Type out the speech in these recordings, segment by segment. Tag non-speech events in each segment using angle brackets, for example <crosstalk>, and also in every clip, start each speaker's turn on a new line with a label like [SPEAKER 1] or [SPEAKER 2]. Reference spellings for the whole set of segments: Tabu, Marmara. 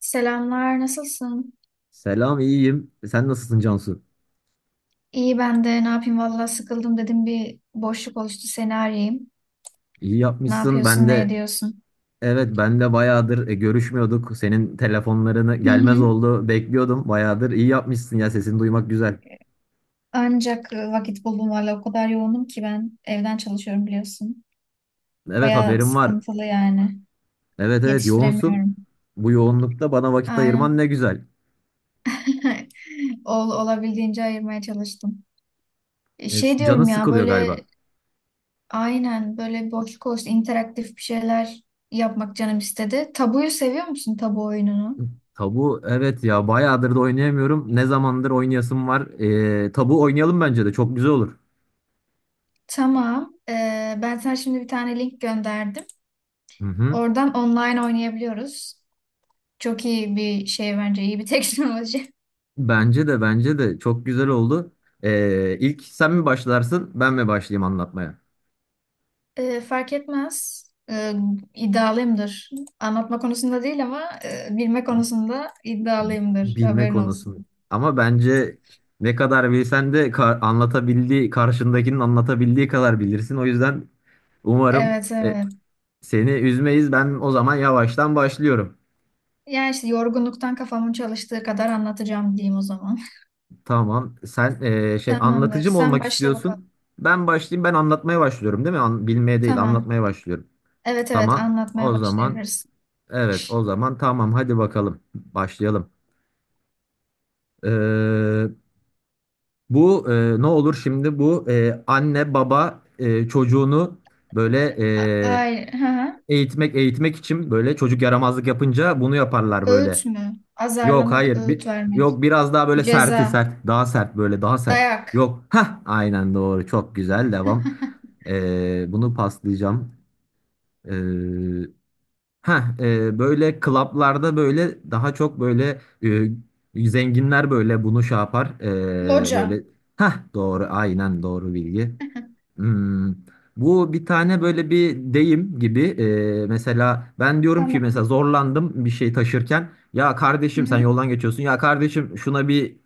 [SPEAKER 1] Selamlar, nasılsın?
[SPEAKER 2] Selam, iyiyim. Sen nasılsın Cansu?
[SPEAKER 1] İyi ben de ne yapayım, valla sıkıldım dedim, bir boşluk oluştu, seni arayayım.
[SPEAKER 2] İyi
[SPEAKER 1] Ne
[SPEAKER 2] yapmışsın. Ben
[SPEAKER 1] yapıyorsun, ne
[SPEAKER 2] de
[SPEAKER 1] ediyorsun?
[SPEAKER 2] evet ben de bayağıdır görüşmüyorduk. Senin telefonlarını
[SPEAKER 1] Hı
[SPEAKER 2] gelmez
[SPEAKER 1] hı.
[SPEAKER 2] oldu. Bekliyordum. Bayağıdır İyi yapmışsın ya. Sesini duymak güzel.
[SPEAKER 1] Ancak vakit buldum, valla o kadar yoğunum ki, ben evden çalışıyorum biliyorsun.
[SPEAKER 2] Evet
[SPEAKER 1] Bayağı
[SPEAKER 2] haberim var.
[SPEAKER 1] sıkıntılı yani,
[SPEAKER 2] Evet evet yoğunsun.
[SPEAKER 1] yetiştiremiyorum.
[SPEAKER 2] Bu yoğunlukta bana vakit ayırman ne
[SPEAKER 1] Aynen.
[SPEAKER 2] güzel.
[SPEAKER 1] <laughs> Olabildiğince ayırmaya çalıştım. E,
[SPEAKER 2] E,
[SPEAKER 1] Şey
[SPEAKER 2] canın
[SPEAKER 1] diyorum ya,
[SPEAKER 2] sıkılıyor
[SPEAKER 1] böyle
[SPEAKER 2] galiba.
[SPEAKER 1] aynen böyle bir boşluk oluştu, interaktif bir şeyler yapmak canım istedi. Tabuyu seviyor musun, tabu oyununu?
[SPEAKER 2] Tabu evet ya bayağıdır da oynayamıyorum. Ne zamandır oynayasım var. Tabu oynayalım bence de çok güzel olur.
[SPEAKER 1] Tamam. Ben sana şimdi bir tane link gönderdim.
[SPEAKER 2] Hı hı.
[SPEAKER 1] Oradan online oynayabiliyoruz. Çok iyi bir şey bence, iyi bir <laughs> teknoloji.
[SPEAKER 2] Bence de çok güzel oldu. İlk sen mi başlarsın, ben mi başlayayım anlatmaya?
[SPEAKER 1] Fark etmez. Ee, iddialıyımdır. Anlatma konusunda değil ama bilme konusunda iddialıyımdır.
[SPEAKER 2] Bilme
[SPEAKER 1] Haberin
[SPEAKER 2] konusunu.
[SPEAKER 1] olsun.
[SPEAKER 2] Ama bence ne kadar bilsen de anlatabildiği, karşındakinin anlatabildiği kadar bilirsin. O yüzden umarım
[SPEAKER 1] Evet, evet.
[SPEAKER 2] seni üzmeyiz. Ben o zaman yavaştan başlıyorum.
[SPEAKER 1] Yani işte yorgunluktan kafamın çalıştığı kadar anlatacağım diyeyim o zaman.
[SPEAKER 2] Tamam. Sen
[SPEAKER 1] <laughs>
[SPEAKER 2] şey
[SPEAKER 1] Tamamdır.
[SPEAKER 2] anlatıcı mı
[SPEAKER 1] Sen
[SPEAKER 2] olmak
[SPEAKER 1] başla bakalım.
[SPEAKER 2] istiyorsun? Ben başlayayım. Ben anlatmaya başlıyorum, değil mi? Bilmeye değil,
[SPEAKER 1] Tamam.
[SPEAKER 2] anlatmaya başlıyorum.
[SPEAKER 1] Evet evet,
[SPEAKER 2] Tamam.
[SPEAKER 1] anlatmaya
[SPEAKER 2] O zaman.
[SPEAKER 1] başlayabiliriz.
[SPEAKER 2] Evet, o zaman tamam hadi bakalım başlayalım. Ee, Bu ne olur şimdi bu anne baba çocuğunu böyle e,
[SPEAKER 1] Ay, hı hı.
[SPEAKER 2] eğitmek için böyle çocuk yaramazlık yapınca bunu yaparlar
[SPEAKER 1] Öğüt
[SPEAKER 2] böyle.
[SPEAKER 1] mü?
[SPEAKER 2] Yok
[SPEAKER 1] Azarlamak,
[SPEAKER 2] hayır bir,
[SPEAKER 1] öğüt vermek.
[SPEAKER 2] yok biraz daha böyle
[SPEAKER 1] Ceza,
[SPEAKER 2] sert, daha sert, böyle daha sert.
[SPEAKER 1] dayak,
[SPEAKER 2] Yok ha aynen doğru, çok güzel, devam. Bunu paslayacağım. Ee, Ha, Böyle klaplarda böyle daha çok böyle zenginler böyle bunu şey yapar,
[SPEAKER 1] loca.
[SPEAKER 2] böyle ha doğru aynen doğru bilgi.
[SPEAKER 1] <laughs>
[SPEAKER 2] Hmm, Bu bir tane böyle bir deyim gibi mesela ben diyorum ki mesela
[SPEAKER 1] Tamam.
[SPEAKER 2] zorlandım bir şey taşırken ya kardeşim sen
[SPEAKER 1] Hı-hı.
[SPEAKER 2] yoldan geçiyorsun ya kardeşim şuna bir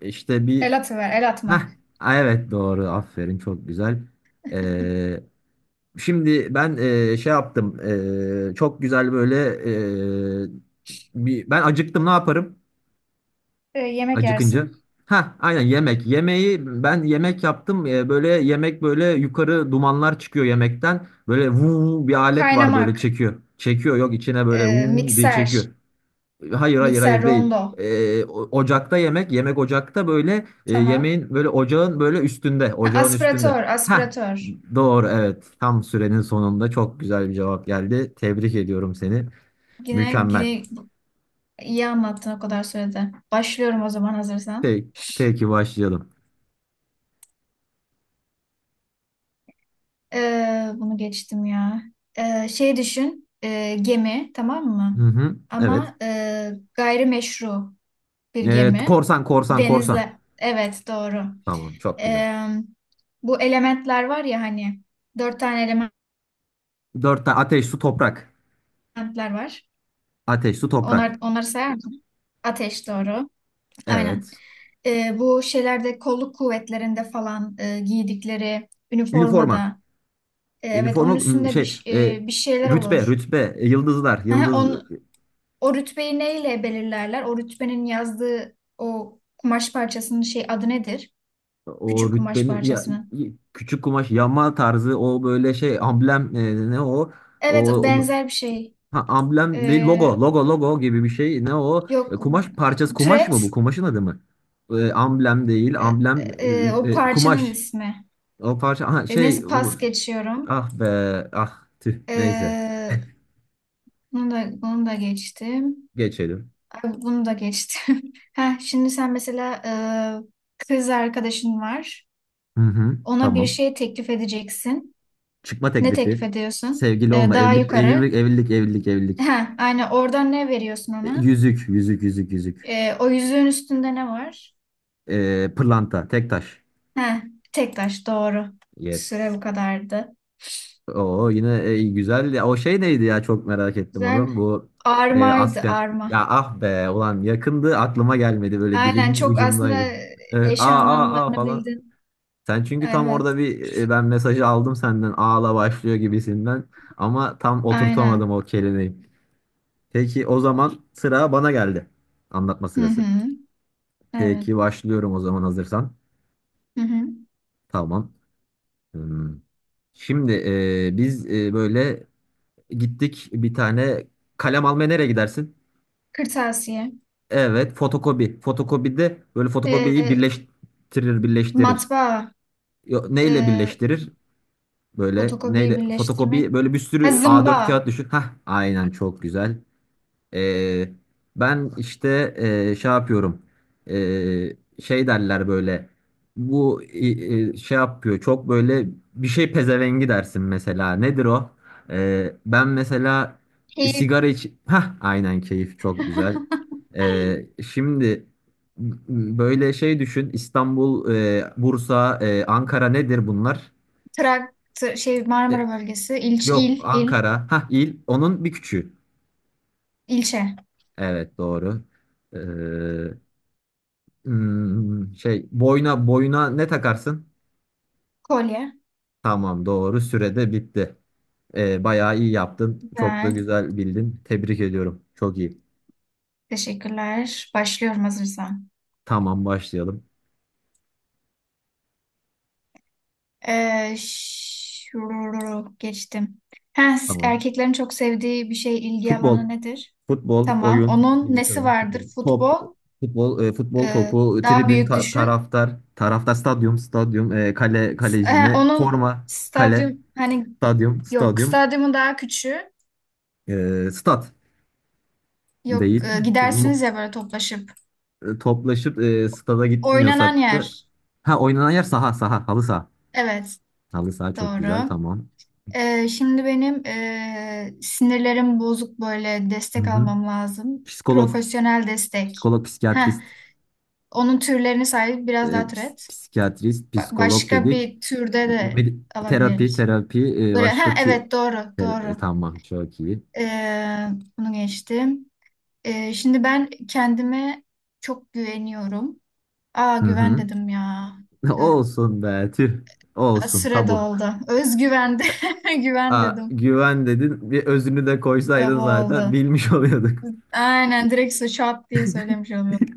[SPEAKER 2] işte bir
[SPEAKER 1] El atıver, el
[SPEAKER 2] ha
[SPEAKER 1] atmak.
[SPEAKER 2] evet doğru aferin çok güzel. E, Şimdi ben şey yaptım. Çok güzel böyle e, bir ben acıktım ne yaparım
[SPEAKER 1] Yemek
[SPEAKER 2] acıkınca?
[SPEAKER 1] yersin.
[SPEAKER 2] Ha aynen yemek. Yemeği ben yemek yaptım. E, böyle yemek böyle yukarı dumanlar çıkıyor yemekten. Böyle vuu bir alet var böyle
[SPEAKER 1] Kaynamak,
[SPEAKER 2] çekiyor. Çekiyor yok içine böyle vuu diye çekiyor.
[SPEAKER 1] mikser,
[SPEAKER 2] Hayır hayır
[SPEAKER 1] mikser
[SPEAKER 2] hayır değil.
[SPEAKER 1] rondo.
[SPEAKER 2] Ocakta yemek, yemek ocakta böyle
[SPEAKER 1] Tamam.
[SPEAKER 2] yemeğin böyle ocağın böyle üstünde,
[SPEAKER 1] Ha,
[SPEAKER 2] ocağın üstünde.
[SPEAKER 1] aspiratör,
[SPEAKER 2] Ha,
[SPEAKER 1] aspiratör.
[SPEAKER 2] doğru evet. Tam sürenin sonunda çok güzel bir cevap geldi. Tebrik ediyorum seni.
[SPEAKER 1] Yine,
[SPEAKER 2] Mükemmel.
[SPEAKER 1] yine iyi anlattın o kadar sürede. Başlıyorum o zaman, hazırsan.
[SPEAKER 2] Te, teki başlayalım.
[SPEAKER 1] Bunu geçtim ya. Şey düşün, gemi, tamam
[SPEAKER 2] Hı
[SPEAKER 1] mı?
[SPEAKER 2] hı, evet.
[SPEAKER 1] Ama gayrimeşru. Bir gemi.
[SPEAKER 2] Korsan, korsan, korsan.
[SPEAKER 1] Denizle. Evet, doğru.
[SPEAKER 2] Tamam, çok güzel.
[SPEAKER 1] Ee, Bu elementler var ya hani, dört tane
[SPEAKER 2] Dört tane ateş, su, toprak.
[SPEAKER 1] elementler var.
[SPEAKER 2] Ateş, su,
[SPEAKER 1] Onlar,
[SPEAKER 2] toprak.
[SPEAKER 1] onları sayar mısın? Ateş, doğru. Aynen.
[SPEAKER 2] Evet.
[SPEAKER 1] Bu şeylerde, kolluk kuvvetlerinde falan, giydikleri
[SPEAKER 2] Üniforma.
[SPEAKER 1] üniformada. Evet, onun
[SPEAKER 2] Üniforma m,
[SPEAKER 1] üstünde bir,
[SPEAKER 2] şey
[SPEAKER 1] ş-
[SPEAKER 2] e,
[SPEAKER 1] e, bir şeyler
[SPEAKER 2] Rütbe,
[SPEAKER 1] olur.
[SPEAKER 2] rütbe, yıldızlar,
[SPEAKER 1] Ha,
[SPEAKER 2] yıldız.
[SPEAKER 1] on, o rütbeyi neyle belirlerler? O rütbenin yazdığı o kumaş parçasının şey adı nedir?
[SPEAKER 2] O
[SPEAKER 1] Küçük kumaş
[SPEAKER 2] rütbeni ya,
[SPEAKER 1] parçasının.
[SPEAKER 2] küçük kumaş yama tarzı o böyle şey amblem ne o
[SPEAKER 1] Evet,
[SPEAKER 2] o onu-
[SPEAKER 1] benzer bir şey.
[SPEAKER 2] ha, amblem değil,
[SPEAKER 1] Ee,
[SPEAKER 2] logo, logo, logo gibi bir şey, ne o. E,
[SPEAKER 1] Yok
[SPEAKER 2] kumaş parçası, kumaş
[SPEAKER 1] türet,
[SPEAKER 2] mı, bu kumaşın adı mı? E, amblem değil
[SPEAKER 1] e,
[SPEAKER 2] amblem,
[SPEAKER 1] o parçanın
[SPEAKER 2] kumaş,
[SPEAKER 1] ismi.
[SPEAKER 2] o parça ha, şey
[SPEAKER 1] Neyse, pas geçiyorum.
[SPEAKER 2] ah be, ah tüh, neyse
[SPEAKER 1] Ee, bunu da geçtim.
[SPEAKER 2] geçelim.
[SPEAKER 1] Ay, bunu da geçtim. <laughs> Heh, şimdi sen mesela kız arkadaşın var.
[SPEAKER 2] Hı hı
[SPEAKER 1] Ona bir
[SPEAKER 2] tamam.
[SPEAKER 1] şey teklif edeceksin.
[SPEAKER 2] Çıkma
[SPEAKER 1] Ne teklif
[SPEAKER 2] teklifi,
[SPEAKER 1] ediyorsun?
[SPEAKER 2] sevgili olma,
[SPEAKER 1] Daha
[SPEAKER 2] evlilik,
[SPEAKER 1] yukarı.
[SPEAKER 2] evlilik, evlilik, evlilik, evlilik.
[SPEAKER 1] Heh, aynen, oradan ne veriyorsun
[SPEAKER 2] E,
[SPEAKER 1] ona?
[SPEAKER 2] yüzük, yüzük, yüzük, yüzük.
[SPEAKER 1] O yüzüğün üstünde ne var?
[SPEAKER 2] E, pırlanta, tek taş.
[SPEAKER 1] Heh, tek taş, doğru. Süre
[SPEAKER 2] Yes.
[SPEAKER 1] bu kadardı.
[SPEAKER 2] Oo yine güzel. O şey neydi ya, çok merak ettim
[SPEAKER 1] Güzel.
[SPEAKER 2] onu. Bu
[SPEAKER 1] Armaydı,
[SPEAKER 2] asker.
[SPEAKER 1] arma.
[SPEAKER 2] Ya ah be ulan, yakındı, aklıma gelmedi, böyle
[SPEAKER 1] Aynen,
[SPEAKER 2] dilimin
[SPEAKER 1] çok
[SPEAKER 2] ucundaydı.
[SPEAKER 1] aslında
[SPEAKER 2] E, aa
[SPEAKER 1] eş
[SPEAKER 2] aa aa
[SPEAKER 1] anlamlarını
[SPEAKER 2] falan.
[SPEAKER 1] bildin.
[SPEAKER 2] Sen çünkü tam
[SPEAKER 1] Evet.
[SPEAKER 2] orada bir ben mesajı aldım senden ağla başlıyor gibisinden ama tam oturtamadım
[SPEAKER 1] Aynen.
[SPEAKER 2] o kelimeyi. Peki o zaman sıra bana geldi. Anlatma
[SPEAKER 1] Hı
[SPEAKER 2] sırası.
[SPEAKER 1] hı. Evet.
[SPEAKER 2] Peki başlıyorum o zaman hazırsan.
[SPEAKER 1] Hı hı.
[SPEAKER 2] Tamam. Hmm. Şimdi biz böyle gittik bir tane kalem almaya, nereye gidersin?
[SPEAKER 1] Kırtasiye.
[SPEAKER 2] Evet, fotokopi. Fotokopide böyle fotokopiyi
[SPEAKER 1] Ee,
[SPEAKER 2] birleştirir, birleştirir.
[SPEAKER 1] Matbaa.
[SPEAKER 2] Yo, neyle
[SPEAKER 1] Ee,
[SPEAKER 2] birleştirir? Böyle
[SPEAKER 1] Fotokopiyi
[SPEAKER 2] neyle fotokopi,
[SPEAKER 1] birleştirmek.
[SPEAKER 2] böyle bir
[SPEAKER 1] Ha,
[SPEAKER 2] sürü A4
[SPEAKER 1] zımba.
[SPEAKER 2] kağıt düşün. Hah, aynen çok güzel. Ee, Ben işte şey yapıyorum. Ee, Şey derler böyle. Bu şey yapıyor. Çok böyle bir şey pezevengi dersin mesela. Nedir o? Ben mesela
[SPEAKER 1] İl.
[SPEAKER 2] sigara iç. Hah, aynen keyif çok güzel.
[SPEAKER 1] <laughs>
[SPEAKER 2] Ee, Şimdi böyle şey düşün. İstanbul, Bursa, Ankara nedir bunlar?
[SPEAKER 1] Traktör, şey
[SPEAKER 2] E,
[SPEAKER 1] Marmara bölgesi.
[SPEAKER 2] Yok Ankara. Hah il. Onun bir küçüğü.
[SPEAKER 1] İlçe.
[SPEAKER 2] Evet doğru. Ee, Şey, boyuna boyuna ne takarsın?
[SPEAKER 1] Kolye.
[SPEAKER 2] Tamam, doğru sürede bitti. Bayağı iyi yaptın. Çok da
[SPEAKER 1] Güzel.
[SPEAKER 2] güzel bildin. Tebrik ediyorum. Çok iyi.
[SPEAKER 1] Teşekkürler. Başlıyorum hazırsan.
[SPEAKER 2] Tamam başlayalım.
[SPEAKER 1] Geçtim. Ha,
[SPEAKER 2] Tamam.
[SPEAKER 1] erkeklerin çok sevdiği bir şey, ilgi
[SPEAKER 2] Futbol.
[SPEAKER 1] alanı nedir?
[SPEAKER 2] Futbol
[SPEAKER 1] Tamam.
[SPEAKER 2] oyun.
[SPEAKER 1] Onun
[SPEAKER 2] Bilgisayar
[SPEAKER 1] nesi
[SPEAKER 2] oyunu. Futbol.
[SPEAKER 1] vardır?
[SPEAKER 2] Top.
[SPEAKER 1] Futbol.
[SPEAKER 2] Futbol futbol
[SPEAKER 1] Ee,
[SPEAKER 2] topu.
[SPEAKER 1] Daha
[SPEAKER 2] Tribün
[SPEAKER 1] büyük düşün.
[SPEAKER 2] taraftar. Taraftar stadyum. Stadyum. E, kale, kalecine.
[SPEAKER 1] Onun
[SPEAKER 2] Forma. Kale.
[SPEAKER 1] stadyum hani,
[SPEAKER 2] Stadyum.
[SPEAKER 1] yok,
[SPEAKER 2] Stadyum.
[SPEAKER 1] stadyumu daha küçüğü.
[SPEAKER 2] E, stat
[SPEAKER 1] Yok,
[SPEAKER 2] değil.
[SPEAKER 1] gidersiniz ya
[SPEAKER 2] <laughs>
[SPEAKER 1] böyle toplaşıp.
[SPEAKER 2] E, toplaşıp stada
[SPEAKER 1] Oynanan
[SPEAKER 2] gitmiyorsak da
[SPEAKER 1] yer.
[SPEAKER 2] ha oynanan yer, saha, halı saha.
[SPEAKER 1] Evet,
[SPEAKER 2] Halı saha çok güzel
[SPEAKER 1] doğru.
[SPEAKER 2] tamam.
[SPEAKER 1] Şimdi benim sinirlerim bozuk, böyle
[SPEAKER 2] Hı
[SPEAKER 1] destek
[SPEAKER 2] hı.
[SPEAKER 1] almam lazım.
[SPEAKER 2] Psikolog,
[SPEAKER 1] Profesyonel destek.
[SPEAKER 2] psikolog,
[SPEAKER 1] Heh,
[SPEAKER 2] psikiyatrist,
[SPEAKER 1] onun türlerini say, biraz daha türet.
[SPEAKER 2] psikiyatrist, psikolog
[SPEAKER 1] Başka
[SPEAKER 2] dedik.
[SPEAKER 1] bir türde de
[SPEAKER 2] Medi- Terapi,
[SPEAKER 1] alabiliriz.
[SPEAKER 2] terapi,
[SPEAKER 1] Böyle, ha,
[SPEAKER 2] başka tür
[SPEAKER 1] evet, doğru, doğru.
[SPEAKER 2] Tamam çok iyi.
[SPEAKER 1] Ee, Bunu geçtim. Şimdi ben kendime çok güveniyorum. Aa,
[SPEAKER 2] Hı
[SPEAKER 1] güven
[SPEAKER 2] hı.
[SPEAKER 1] dedim ya.
[SPEAKER 2] <laughs>
[SPEAKER 1] Tüh.
[SPEAKER 2] Olsun be tüh.
[SPEAKER 1] Aa,
[SPEAKER 2] Olsun
[SPEAKER 1] süre
[SPEAKER 2] tabu.
[SPEAKER 1] doldu. Özgüven de <laughs> güven
[SPEAKER 2] Aa,
[SPEAKER 1] dedim.
[SPEAKER 2] güven dedin, bir özünü de
[SPEAKER 1] Tabu
[SPEAKER 2] koysaydın zaten
[SPEAKER 1] oldu.
[SPEAKER 2] bilmiş <laughs> oluyorduk.
[SPEAKER 1] Aynen, direkt şap diye söylemiş oldum.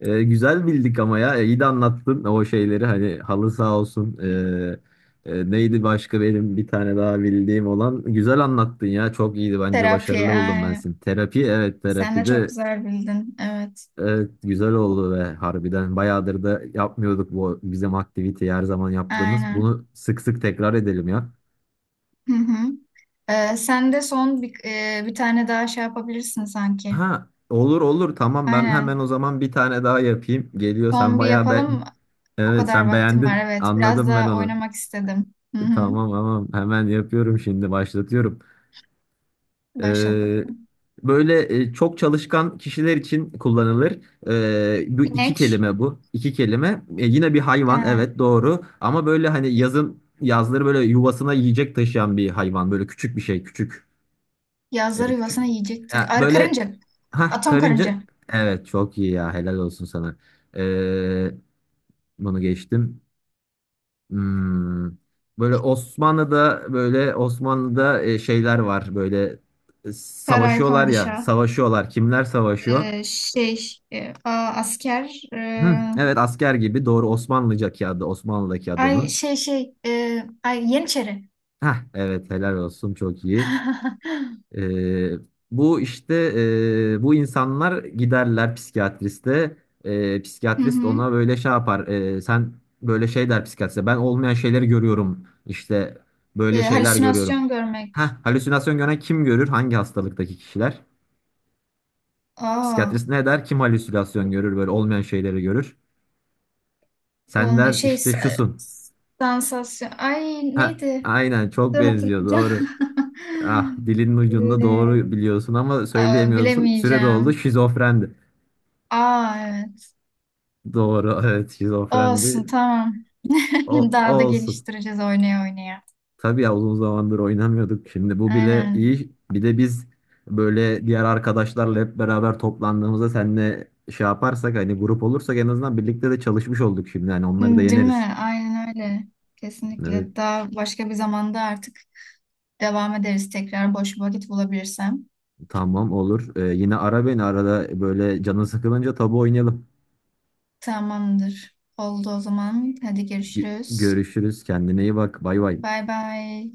[SPEAKER 2] E, güzel bildik ama ya. E, iyi de anlattın o şeyleri, hani halı sağ olsun. Neydi başka benim bir tane daha bildiğim olan, güzel anlattın ya, çok iyiydi, bence
[SPEAKER 1] Terapi,
[SPEAKER 2] başarılı buldum ben
[SPEAKER 1] aynen.
[SPEAKER 2] seni, terapi, evet
[SPEAKER 1] Sen de çok
[SPEAKER 2] terapide,
[SPEAKER 1] güzel bildin. Evet.
[SPEAKER 2] evet, güzel oldu ve harbiden bayağıdır da yapmıyorduk bu bizim aktiviteyi her zaman yaptığımız,
[SPEAKER 1] Aynen.
[SPEAKER 2] bunu sık sık tekrar edelim ya.
[SPEAKER 1] Hı hı. Sen de son bir tane daha şey yapabilirsin sanki.
[SPEAKER 2] Ha olur olur tamam, ben hemen
[SPEAKER 1] Aynen.
[SPEAKER 2] o zaman bir tane daha yapayım, geliyor sen
[SPEAKER 1] Son bir
[SPEAKER 2] bayağı be.
[SPEAKER 1] yapalım. O
[SPEAKER 2] Evet
[SPEAKER 1] kadar
[SPEAKER 2] sen
[SPEAKER 1] vaktim var.
[SPEAKER 2] beğendin
[SPEAKER 1] Evet. Biraz
[SPEAKER 2] anladım ben
[SPEAKER 1] da
[SPEAKER 2] onu.
[SPEAKER 1] oynamak istedim. Hı hı.
[SPEAKER 2] Tamam tamam hemen yapıyorum, şimdi başlatıyorum.
[SPEAKER 1] Başlat
[SPEAKER 2] Ee,
[SPEAKER 1] bakalım.
[SPEAKER 2] Böyle çok çalışkan kişiler için kullanılır. Bu iki
[SPEAKER 1] İnek.
[SPEAKER 2] kelime bu. İki kelime. E, yine bir
[SPEAKER 1] He.
[SPEAKER 2] hayvan evet doğru. Ama böyle hani yazın yazları böyle yuvasına yiyecek taşıyan bir hayvan. Böyle küçük bir şey küçük.
[SPEAKER 1] Yazları
[SPEAKER 2] Küçük.
[SPEAKER 1] yuvasına yiyecek taşı-
[SPEAKER 2] Ya,
[SPEAKER 1] Ar
[SPEAKER 2] böyle
[SPEAKER 1] karınca.
[SPEAKER 2] ha
[SPEAKER 1] Atom
[SPEAKER 2] karınca.
[SPEAKER 1] karınca.
[SPEAKER 2] Evet çok iyi ya, helal olsun sana. Ee, Bunu geçtim. Hmm. Böyle Osmanlı'da böyle Osmanlı'da şeyler var böyle
[SPEAKER 1] Saray,
[SPEAKER 2] savaşıyorlar ya
[SPEAKER 1] padişah.
[SPEAKER 2] savaşıyorlar, kimler savaşıyor?
[SPEAKER 1] Şey, asker.
[SPEAKER 2] Hı, evet asker gibi doğru, Osmanlıca adı, Osmanlı'daki adı
[SPEAKER 1] Ay
[SPEAKER 2] onun.
[SPEAKER 1] şey şey. E, ay Yeniçeri.
[SPEAKER 2] Hah, evet helal olsun çok iyi.
[SPEAKER 1] <laughs>
[SPEAKER 2] Ee, Bu işte bu insanlar giderler psikiyatriste.
[SPEAKER 1] Hı
[SPEAKER 2] Psikiyatrist
[SPEAKER 1] hı.
[SPEAKER 2] ona böyle şey yapar. Sen böyle şey der psikiyatriste. Ben olmayan şeyleri görüyorum. İşte böyle şeyler görüyorum.
[SPEAKER 1] Halüsinasyon
[SPEAKER 2] Heh,
[SPEAKER 1] görmek.
[SPEAKER 2] halüsinasyon gören kim görür? Hangi hastalıktaki kişiler?
[SPEAKER 1] Aa.
[SPEAKER 2] Psikiyatrist ne der? Kim halüsinasyon görür? Böyle olmayan şeyleri görür. Sen
[SPEAKER 1] Olma
[SPEAKER 2] der
[SPEAKER 1] şey,
[SPEAKER 2] işte şusun.
[SPEAKER 1] sansasyon. Ay,
[SPEAKER 2] Ha,
[SPEAKER 1] neydi?
[SPEAKER 2] aynen çok
[SPEAKER 1] Dur,
[SPEAKER 2] benziyor
[SPEAKER 1] hatırlayacağım.
[SPEAKER 2] doğru. Ah
[SPEAKER 1] <laughs>
[SPEAKER 2] dilinin ucunda,
[SPEAKER 1] Ee,
[SPEAKER 2] doğru biliyorsun ama
[SPEAKER 1] Aa,
[SPEAKER 2] söyleyemiyorsun. Süre doldu,
[SPEAKER 1] bilemeyeceğim.
[SPEAKER 2] şizofrendi.
[SPEAKER 1] Aa, evet.
[SPEAKER 2] Doğru, evet
[SPEAKER 1] Olsun,
[SPEAKER 2] şizofrendi.
[SPEAKER 1] tamam.
[SPEAKER 2] O,
[SPEAKER 1] <laughs> Daha da
[SPEAKER 2] o olsun.
[SPEAKER 1] geliştireceğiz oynaya oynaya.
[SPEAKER 2] Tabii ya uzun zamandır oynamıyorduk. Şimdi bu bile
[SPEAKER 1] Aynen.
[SPEAKER 2] iyi. Bir de biz böyle diğer arkadaşlarla hep beraber toplandığımızda seninle şey yaparsak hani grup olursak en azından birlikte de çalışmış olduk şimdi. Yani onları da
[SPEAKER 1] Değil
[SPEAKER 2] yeneriz.
[SPEAKER 1] mi? Aynen öyle.
[SPEAKER 2] Evet,
[SPEAKER 1] Kesinlikle. Daha başka bir zamanda artık devam ederiz, tekrar boş bir vakit bulabilirsem.
[SPEAKER 2] tamam olur. Yine ara beni arada böyle canın sıkılınca tabu oynayalım.
[SPEAKER 1] Tamamdır. Oldu o zaman. Hadi, görüşürüz.
[SPEAKER 2] Görüşürüz. Kendine iyi bak. Bay bay.
[SPEAKER 1] Bay bay.